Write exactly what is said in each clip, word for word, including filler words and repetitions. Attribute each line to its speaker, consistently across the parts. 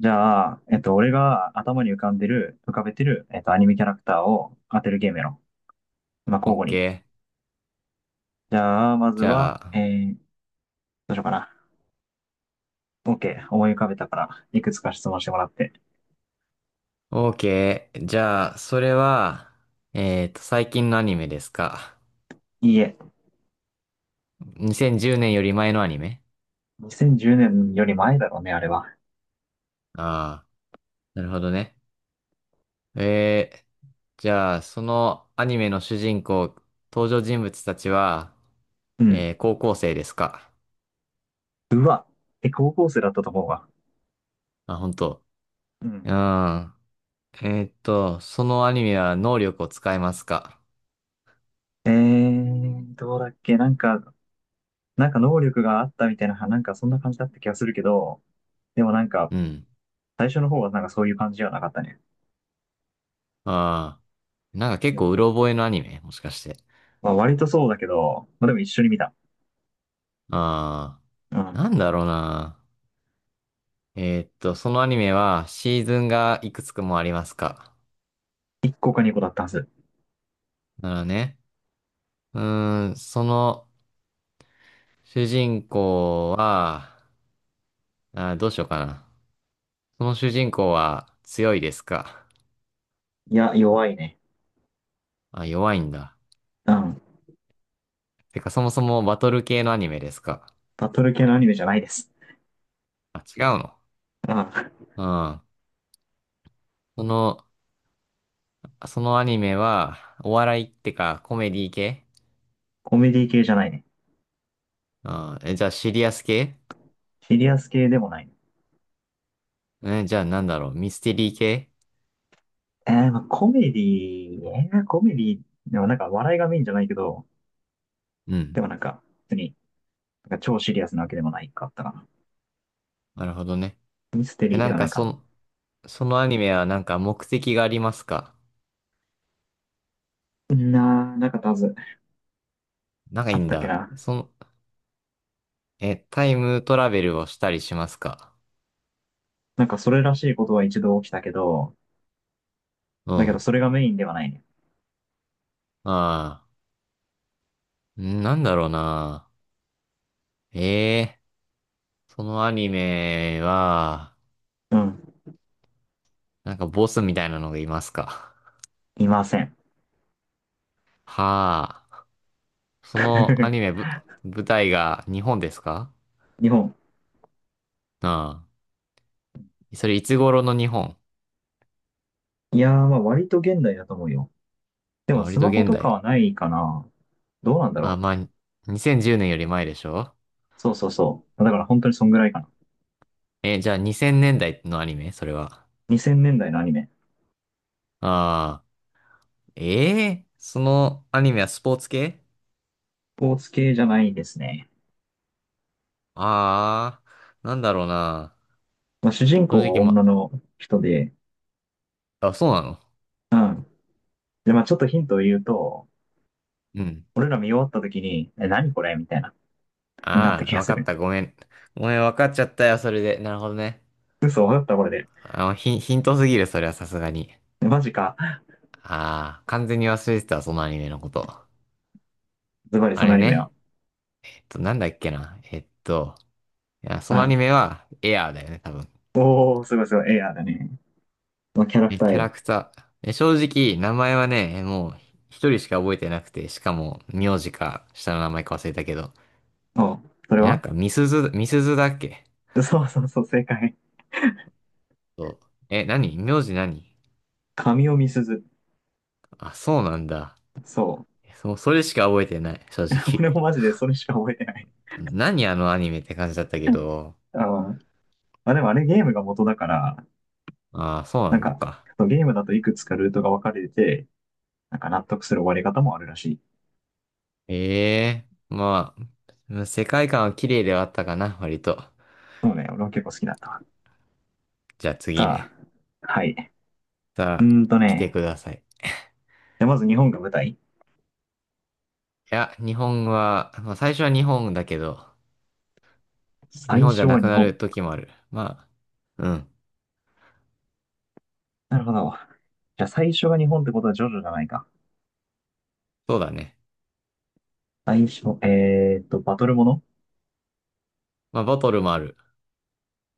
Speaker 1: じゃあ、えっと、俺が頭に浮かんでる、浮かべてる、えっと、アニメキャラクターを当てるゲームやろう。まあ、
Speaker 2: オッ
Speaker 1: 交互に。
Speaker 2: ケー。
Speaker 1: じゃあ、まず
Speaker 2: じゃ
Speaker 1: は、え
Speaker 2: あ、
Speaker 1: ー、どうしようかな。OK。思い浮かべたから、いくつか質問してもらって。
Speaker 2: オ k ケー。じゃあ、それは、えっと、最近のアニメですか。
Speaker 1: いいえ。
Speaker 2: にせんじゅうねんより前のアニメ？
Speaker 1: にせんじゅうねんより前だろうね、あれは。
Speaker 2: ああー、なるほどね。えー、じゃあ、そのアニメの主人公、登場人物たちは、
Speaker 1: うん。
Speaker 2: えー高校生ですか。
Speaker 1: うわ。え、高校生だったと思うわ。
Speaker 2: あ、本当。
Speaker 1: う
Speaker 2: う
Speaker 1: ん。
Speaker 2: ん。えーっと、そのアニメは能力を使いますか。
Speaker 1: えー、どうだっけなんか、なんか能力があったみたいな、なんかそんな感じだった気がするけど、でもなんか、
Speaker 2: うん。
Speaker 1: 最初の方はなんかそういう感じではなかったね。
Speaker 2: ああ、なんか結
Speaker 1: う
Speaker 2: 構う
Speaker 1: ん。
Speaker 2: ろ覚えのアニメもしかして。
Speaker 1: まあ割とそうだけど、まあでも一緒に見た。
Speaker 2: あ
Speaker 1: う
Speaker 2: あ、な
Speaker 1: ん。
Speaker 2: んだろうな。えーっと、そのアニメはシーズンがいくつくもありますか？
Speaker 1: いっこかにこだったはず。
Speaker 2: ならね。うーん、その主人公は、あー、どうしようかな。その主人公は強いですか？
Speaker 1: いや、弱いね。
Speaker 2: あ、弱いんだ。
Speaker 1: うん。
Speaker 2: てか、そもそもバトル系のアニメですか？
Speaker 1: バトル系のアニメじゃないです。
Speaker 2: あ、違うの。
Speaker 1: うん。
Speaker 2: うん。その、そのアニメは、お笑いってか、コメディ系？
Speaker 1: コメディ系じゃないね。
Speaker 2: うん。え、じゃあ、シリアス系？
Speaker 1: シリアス系でもないね。
Speaker 2: え、じゃあ、なんだろう、ミステリー系？
Speaker 1: えー、まあコメディーえー、コメディーでもなんか笑いがメインじゃないけど、
Speaker 2: うん。
Speaker 1: でもなんか、別に、なんか超シリアスなわけでもないかったかな。
Speaker 2: なるほどね。
Speaker 1: ミステ
Speaker 2: え、
Speaker 1: リー
Speaker 2: な
Speaker 1: で
Speaker 2: ん
Speaker 1: はな
Speaker 2: か、
Speaker 1: い
Speaker 2: そ
Speaker 1: か
Speaker 2: の、そのアニメはなんか目的がありますか？
Speaker 1: な。なー、なかったはず。
Speaker 2: かい
Speaker 1: あ
Speaker 2: い
Speaker 1: っ
Speaker 2: ん
Speaker 1: たっけ
Speaker 2: だ。
Speaker 1: な。
Speaker 2: その、え、タイムトラベルをしたりしますか？
Speaker 1: なんかそれらしいことは一度起きたけど、
Speaker 2: う
Speaker 1: だけど
Speaker 2: ん。
Speaker 1: それがメインではないね。
Speaker 2: ああ、んなんだろうな。ええそのアニメは、
Speaker 1: うん。
Speaker 2: なんかボスみたいなのがいますか？
Speaker 1: いません。
Speaker 2: はあ、そのアニメ ぶ、舞台が日本ですか？
Speaker 1: 日本、
Speaker 2: ああ、それいつ頃の日本？
Speaker 1: いやー、まあ割と現代だと思うよ。で
Speaker 2: あ、
Speaker 1: も
Speaker 2: 割
Speaker 1: ス
Speaker 2: と
Speaker 1: マホ
Speaker 2: 現
Speaker 1: とか
Speaker 2: 代。
Speaker 1: はないかな。どうなんだ
Speaker 2: あ、
Speaker 1: ろ
Speaker 2: まあ、にせんじゅうねんより前でしょ？
Speaker 1: う。そうそうそう。だから本当にそんぐらいかな。
Speaker 2: え、じゃあにせんねんだいのアニメそれは。
Speaker 1: にせんねんだいのアニメ。
Speaker 2: ああ。ええそのアニメはスポーツ系？
Speaker 1: スポーツ系じゃないですね。
Speaker 2: ああー、なんだろうな。
Speaker 1: まあ、主人
Speaker 2: 正
Speaker 1: 公は
Speaker 2: 直
Speaker 1: 女
Speaker 2: ま、
Speaker 1: の人で、
Speaker 2: あ、そうなの？
Speaker 1: で、まあちょっとヒントを言うと、
Speaker 2: うん。
Speaker 1: 俺ら見終わった時に、え、何これみたいな、なった
Speaker 2: あ
Speaker 1: 気
Speaker 2: あ、
Speaker 1: が
Speaker 2: わ
Speaker 1: す
Speaker 2: かっ
Speaker 1: る。
Speaker 2: た。ごめん。ごめん、わかっちゃったよ、それで。なるほどね。
Speaker 1: 嘘、わかったこれで。
Speaker 2: あの、ヒン、ヒントすぎる、それはさすがに。
Speaker 1: え、マジか。
Speaker 2: ああ、完全に忘れてたそのアニメのこと。
Speaker 1: ズバリ
Speaker 2: あ
Speaker 1: そのア
Speaker 2: れ
Speaker 1: ニメは。
Speaker 2: ね。えっと、なんだっけな。えっと、いや、そ
Speaker 1: う
Speaker 2: のア
Speaker 1: ん。
Speaker 2: ニメは、エアーだよね、多分。
Speaker 1: おー、すごいすごい。エアーだね。まあキャラク
Speaker 2: え、
Speaker 1: ター
Speaker 2: キャラ
Speaker 1: よ。
Speaker 2: クター。え、正直、名前はね、もう、一人しか覚えてなくて、しかも、名字か、下の名前か忘れたけど。
Speaker 1: おう、それ
Speaker 2: え、なん
Speaker 1: は。
Speaker 2: か、みすず、みすずだっけ？
Speaker 1: そうそうそう、正解。
Speaker 2: そう。え、何？名字何？
Speaker 1: 神尾みすず。
Speaker 2: あ、そうなんだ。
Speaker 1: そう。
Speaker 2: えそう、それしか覚えてない、正
Speaker 1: 俺
Speaker 2: 直。
Speaker 1: もマジでそれしか覚えてない。
Speaker 2: 何？あのアニメって感じだったけ
Speaker 1: うん。
Speaker 2: ど。
Speaker 1: あ、まあ、でもあれゲームが元だから、
Speaker 2: ああ、そうな
Speaker 1: なん
Speaker 2: の
Speaker 1: か、
Speaker 2: か。
Speaker 1: ゲームだといくつかルートが分かれてて、なんか納得する終わり方もあるらしい。
Speaker 2: ええまあ、世界観は綺麗ではあったかな、割と。
Speaker 1: そうね、俺は結構好きだった。
Speaker 2: じゃあ次
Speaker 1: さ
Speaker 2: ね。
Speaker 1: あ、はい。うー
Speaker 2: さあ、
Speaker 1: んと
Speaker 2: 来て
Speaker 1: ね、
Speaker 2: ください。
Speaker 1: じゃあまず日本が舞台。
Speaker 2: いや、日本は、まあ最初は日本だけど、日
Speaker 1: 最
Speaker 2: 本じ
Speaker 1: 初
Speaker 2: ゃな
Speaker 1: は
Speaker 2: く
Speaker 1: 日
Speaker 2: な
Speaker 1: 本。
Speaker 2: る時もある。まあ、うん、
Speaker 1: なるほど。じゃあ最初が日本ってことはジョジョじゃないか。
Speaker 2: そうだね。
Speaker 1: 最初、えーっと、バトルもの
Speaker 2: まあ、ボトルもある。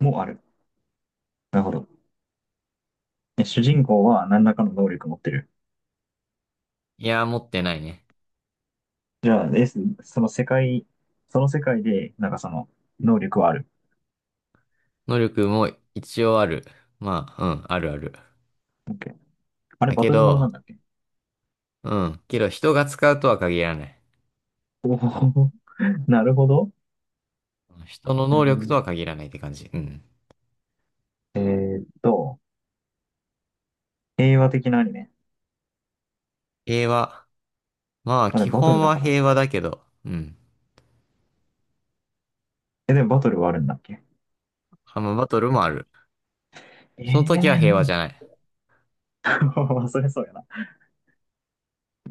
Speaker 1: もある。なるほど。で、主人公は何らかの能力を持ってる。
Speaker 2: いや、持ってないね。
Speaker 1: じゃあ、ですその世界、その世界で、なんかその能力はある。
Speaker 2: 能力も一応ある。まあ、うん、あるある。
Speaker 1: OK。 あれ、
Speaker 2: だ
Speaker 1: バ
Speaker 2: け
Speaker 1: トルものなん
Speaker 2: ど、
Speaker 1: だっけ。
Speaker 2: うん、けど人が使うとは限らない。
Speaker 1: おおー、なるほど。
Speaker 2: 人の
Speaker 1: う
Speaker 2: 能力と
Speaker 1: ん。
Speaker 2: は限らないって感じ。うん。
Speaker 1: えーっと、平和的なアニメ。
Speaker 2: 平和。まあ、
Speaker 1: あれ、
Speaker 2: 基
Speaker 1: バトル
Speaker 2: 本
Speaker 1: だ
Speaker 2: は
Speaker 1: から。
Speaker 2: 平和だけど、うん。
Speaker 1: え、でもバトルはあるんだっけ。
Speaker 2: あ、まあ、バトルもある。その時は
Speaker 1: ええ
Speaker 2: 平和じゃない。
Speaker 1: ー、それそうやな。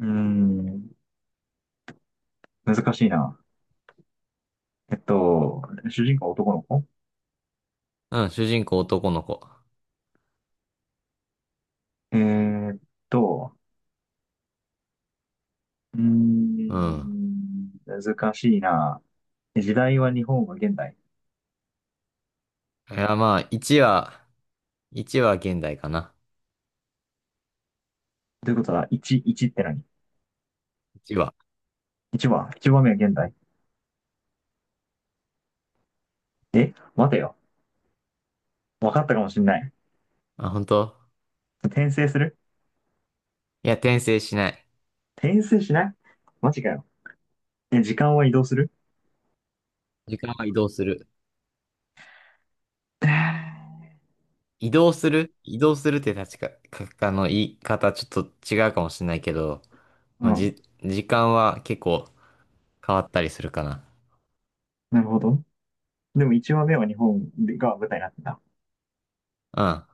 Speaker 1: うーん、難しいな。えっと、主人公は男の子。
Speaker 2: うん、主人公男の子。
Speaker 1: えーっと、うー
Speaker 2: うん。
Speaker 1: ん、難しいな。時代は日本は現代。
Speaker 2: いや、まあ、いちは、いちは現代かな。
Speaker 1: ということは、いち、いちって何？
Speaker 2: いちは。
Speaker 1: いち は、いちばんめは現代。え、待てよ。分かったかもしんない。
Speaker 2: あ、本当？
Speaker 1: 転生する？
Speaker 2: いや、転生しない。
Speaker 1: 転生しない？マジかよ。え、時間は移動する？
Speaker 2: 時間は移動する。移動する移動するって確か、か、あの、言い方ちょっと違うかもしれないけど、
Speaker 1: う
Speaker 2: まあ、
Speaker 1: ん。
Speaker 2: じ、時間は結構変わったりするかな。
Speaker 1: なるほど。でもいちわめは日本が舞台になってた。
Speaker 2: うん。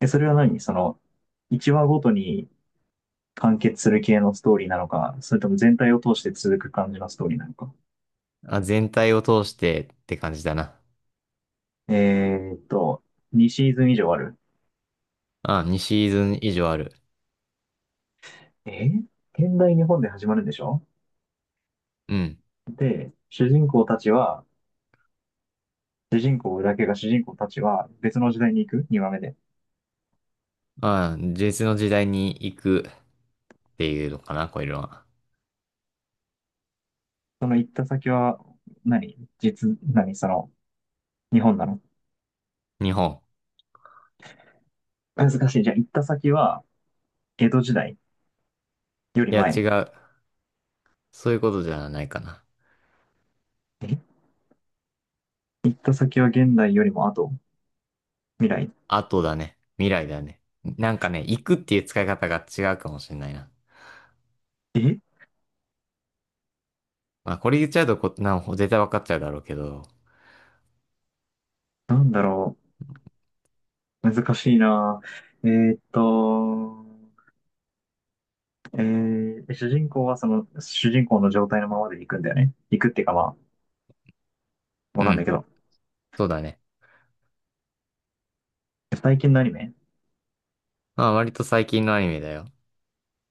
Speaker 1: え、それは何その、いちわごとに完結する系のストーリーなのか、それとも全体を通して続く感じのストーリーなのか。
Speaker 2: あ、全体を通してって感じだな。
Speaker 1: えーっと、にシーズン以上ある。
Speaker 2: あ、にシーズン以上ある。
Speaker 1: え、現代日本で始まるんでしょ？
Speaker 2: うん。
Speaker 1: で、主人公たちは、主人公だけが主人公たちは別の時代に行く？ にわめ 話目で。
Speaker 2: あ、実の時代に行くっていうのかな、こういうのは。
Speaker 1: その行った先は何、実、何その、日本なの？
Speaker 2: 日本。
Speaker 1: 難しい。じゃあ、行った先は、江戸時代より
Speaker 2: いや、違
Speaker 1: 前。
Speaker 2: う。そういうことじゃないかな。
Speaker 1: え、行った先は現代よりも後、未来。
Speaker 2: 後だね。未来だね。なんかね、行くっていう使い方が違うかもしれないな。
Speaker 1: え、
Speaker 2: まあ、これ言っちゃうとこ、な、絶対わかっちゃうだろうけど。
Speaker 1: なんだろう。難しいな。えーっと、えー、主人公はその、主人公の状態のままで行くんだよね。行くっていうかまあ、わ
Speaker 2: う
Speaker 1: かんないけ
Speaker 2: ん。
Speaker 1: ど。
Speaker 2: そうだね。
Speaker 1: 最近のアニメ？
Speaker 2: まあ、割と最近のアニメだよ。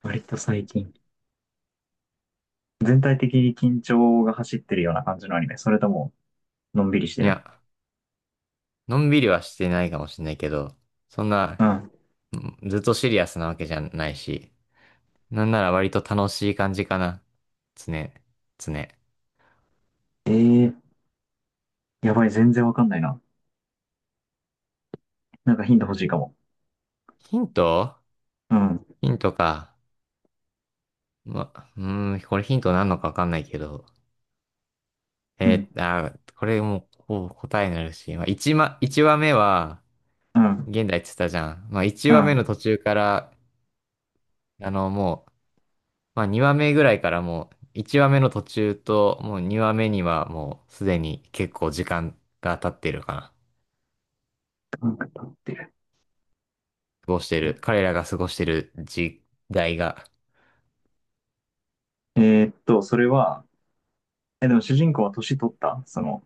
Speaker 1: 割と最近。全体的に緊張が走ってるような感じのアニメ。それとも、のんびりして
Speaker 2: い
Speaker 1: る。
Speaker 2: や、のんびりはしてないかもしれないけど、そんな、
Speaker 1: うん。
Speaker 2: ずっとシリアスなわけじゃないし、なんなら割と楽しい感じかな。つね、つね。
Speaker 1: えー、やばい、全然わかんないな。なんかヒント欲しいかも。
Speaker 2: ヒント？
Speaker 1: うん、
Speaker 2: ヒントか。ま、うーん、これヒントなんのかわかんないけど。
Speaker 1: う
Speaker 2: え
Speaker 1: ん、
Speaker 2: ー、あー、これもう、こう答えになるし、まあ、1ま、一話目は、
Speaker 1: うん、
Speaker 2: 現代って言ったじゃん。まあ、1
Speaker 1: う
Speaker 2: 話目の
Speaker 1: ん。
Speaker 2: 途中から、あの、もう、まあにわめぐらいからもういちわめの途中ともうにわめにはもうすでに結構時間が経ってるかな。
Speaker 1: うんって。
Speaker 2: 過ごしてる。
Speaker 1: え
Speaker 2: 彼らが過ごしてる時代が。
Speaker 1: えーっと、それは、え、でも主人公は年取ったその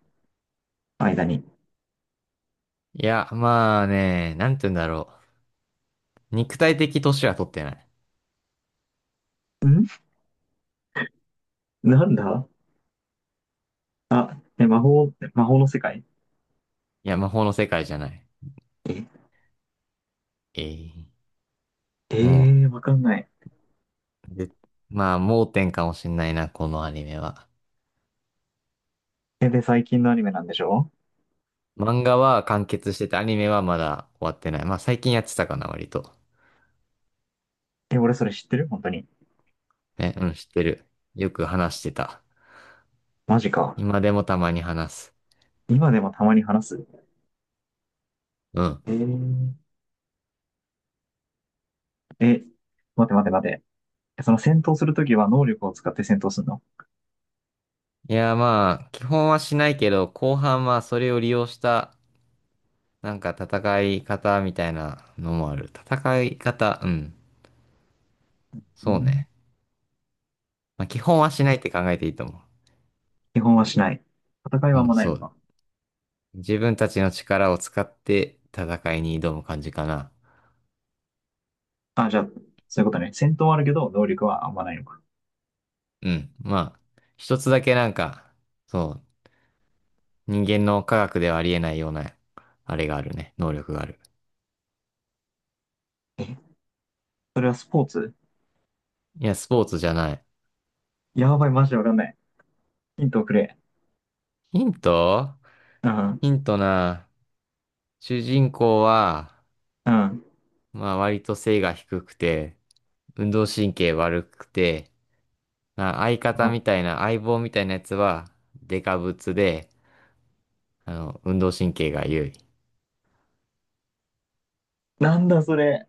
Speaker 1: 間に。
Speaker 2: いや、まあね、なんて言うんだろう。肉体的年は取ってない。
Speaker 1: ん、なんだ。え、魔法、魔法の世界？
Speaker 2: いや、魔法の世界じゃない。
Speaker 1: え、
Speaker 2: ええ
Speaker 1: え
Speaker 2: も
Speaker 1: ー、わかんない。
Speaker 2: う、でまあ盲点かもしんないな、このアニメは。
Speaker 1: え、で、最近のアニメなんでしょ？
Speaker 2: 漫画は完結してて、アニメはまだ終わってない。まあ最近やってたかな、割と。
Speaker 1: え、俺それ知ってる本当に。
Speaker 2: ね、うん、知ってる。よく話してた。
Speaker 1: マジか。
Speaker 2: 今でもたまに話す。
Speaker 1: 今でもたまに話す。
Speaker 2: うん。
Speaker 1: えー、え、待て待て待て。え、その戦闘するときは能力を使って戦闘するの？
Speaker 2: いや、まあ、基本はしないけど、後半はそれを利用した、なんか戦い方みたいなのもある。戦い方、うん。
Speaker 1: う
Speaker 2: そう
Speaker 1: ん。
Speaker 2: ね。まあ、基本はしないって考えていいと思
Speaker 1: 基本はしない。戦い
Speaker 2: う。
Speaker 1: はあん
Speaker 2: うん、
Speaker 1: まない
Speaker 2: そ
Speaker 1: の
Speaker 2: う。
Speaker 1: か。
Speaker 2: 自分たちの力を使って戦いに挑む感じかな。
Speaker 1: あ、じゃあ、そういうことね。戦闘はあるけど、能力はあんまないのか。
Speaker 2: うん。まあ、一つだけなんか、そう、人間の科学ではありえないような、あれがあるね。能力がある。
Speaker 1: え、それはスポーツ？
Speaker 2: いや、スポーツじゃない。
Speaker 1: やばい、マジでわかんない。ヒントをくれ。
Speaker 2: ヒント？
Speaker 1: うん、
Speaker 2: ヒントな。主人公は、
Speaker 1: うん。
Speaker 2: まあ割と背が低くて、運動神経悪くて、まあ相方
Speaker 1: あ、
Speaker 2: みたいな、相棒みたいなやつは、デカブツで、あの、運動神経が優位。
Speaker 1: なんだそれ。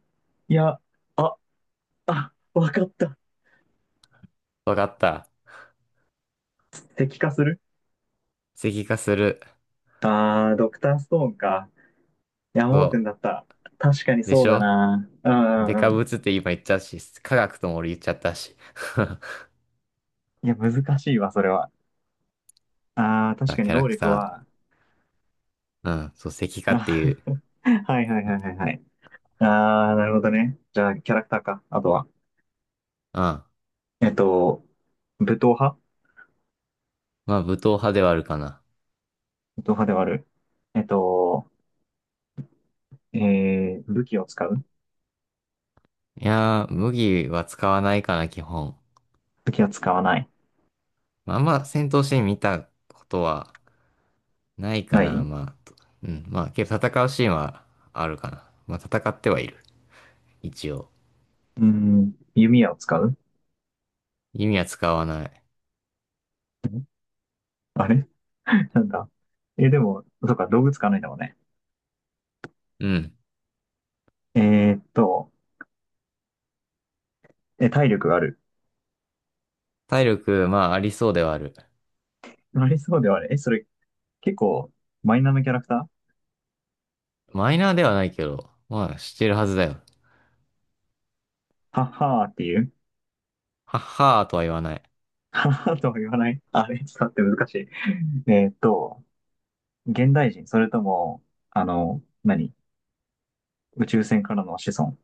Speaker 1: いや、あ、あ、わかった。
Speaker 2: わかった。
Speaker 1: 石化する？
Speaker 2: 石化する。
Speaker 1: ああー、ドクターストーンか。いや、
Speaker 2: そ
Speaker 1: 盲点だっ
Speaker 2: う。
Speaker 1: た。確かに
Speaker 2: で
Speaker 1: そ
Speaker 2: し
Speaker 1: うだ
Speaker 2: ょ？
Speaker 1: な。うん
Speaker 2: デ
Speaker 1: うん
Speaker 2: カ
Speaker 1: うん。
Speaker 2: ブツって今言っちゃったし、科学とも俺言っちゃったし。
Speaker 1: いや、難しいわ、それは。ああ、確
Speaker 2: あ、
Speaker 1: かに
Speaker 2: キャラ
Speaker 1: 能
Speaker 2: ク
Speaker 1: 力
Speaker 2: ター。
Speaker 1: は。
Speaker 2: うん、そう、石化っていう。
Speaker 1: はいはい
Speaker 2: うん。
Speaker 1: はいはいはい。ああ、なるほどね。じゃあ、キャラクターか。あとは。
Speaker 2: ま
Speaker 1: えっと、武闘派？
Speaker 2: あ、武闘派ではあるかな。
Speaker 1: 武闘派ではある。えっと、えー、武器を使う？
Speaker 2: いやー、麦は使わないかな、基本。
Speaker 1: 武器は使わない。
Speaker 2: まああんま戦闘シーン見たことはない
Speaker 1: な
Speaker 2: かな、
Speaker 1: い？
Speaker 2: まあ。うん、まあ、けど戦うシーンはあるかな。まあ、戦ってはいる。一応。
Speaker 1: うん、弓矢を使うん？
Speaker 2: 弓は使わない。
Speaker 1: あれ、 なんだ。え、でも、そっか、動物使わないんだもんね。
Speaker 2: うん。
Speaker 1: えーっと、え、体力がある。
Speaker 2: 体力、まあ、ありそうではある。
Speaker 1: ありそうではある。え、それ、結構、マイナーのキャラクター？
Speaker 2: マイナーではないけど、まあ、してるはずだよ。
Speaker 1: はっはーっていう？
Speaker 2: はっはーとは言わない。
Speaker 1: はっはーとは言わない？あれ、ちょっと待って、難しい。えーっと、現代人、それとも、あの、何、宇宙船からの子孫？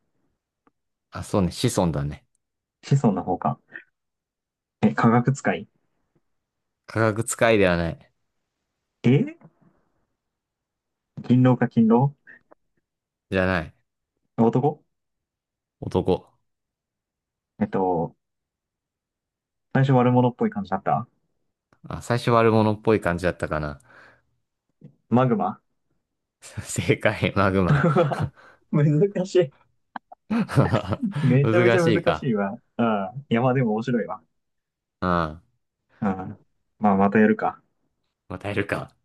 Speaker 2: あ、そうね、子孫だね。
Speaker 1: 子孫の方か。え、科学使い。
Speaker 2: 科学使いではない。
Speaker 1: え、勤労か、勤労。
Speaker 2: じゃない。
Speaker 1: 男。
Speaker 2: 男。
Speaker 1: えっと、最初悪者っぽい感じだった？
Speaker 2: あ、最初悪者っぽい感じだったかな。
Speaker 1: マグマ？
Speaker 2: 正解、マグマ。
Speaker 1: 難しい。めちゃめち
Speaker 2: 難
Speaker 1: ゃ
Speaker 2: しい
Speaker 1: 難し
Speaker 2: か。
Speaker 1: いわ。ああ、いや、まあでも面白いわ。
Speaker 2: うん。ま
Speaker 1: うん。まあ、またやるか。
Speaker 2: あ、耐えるか。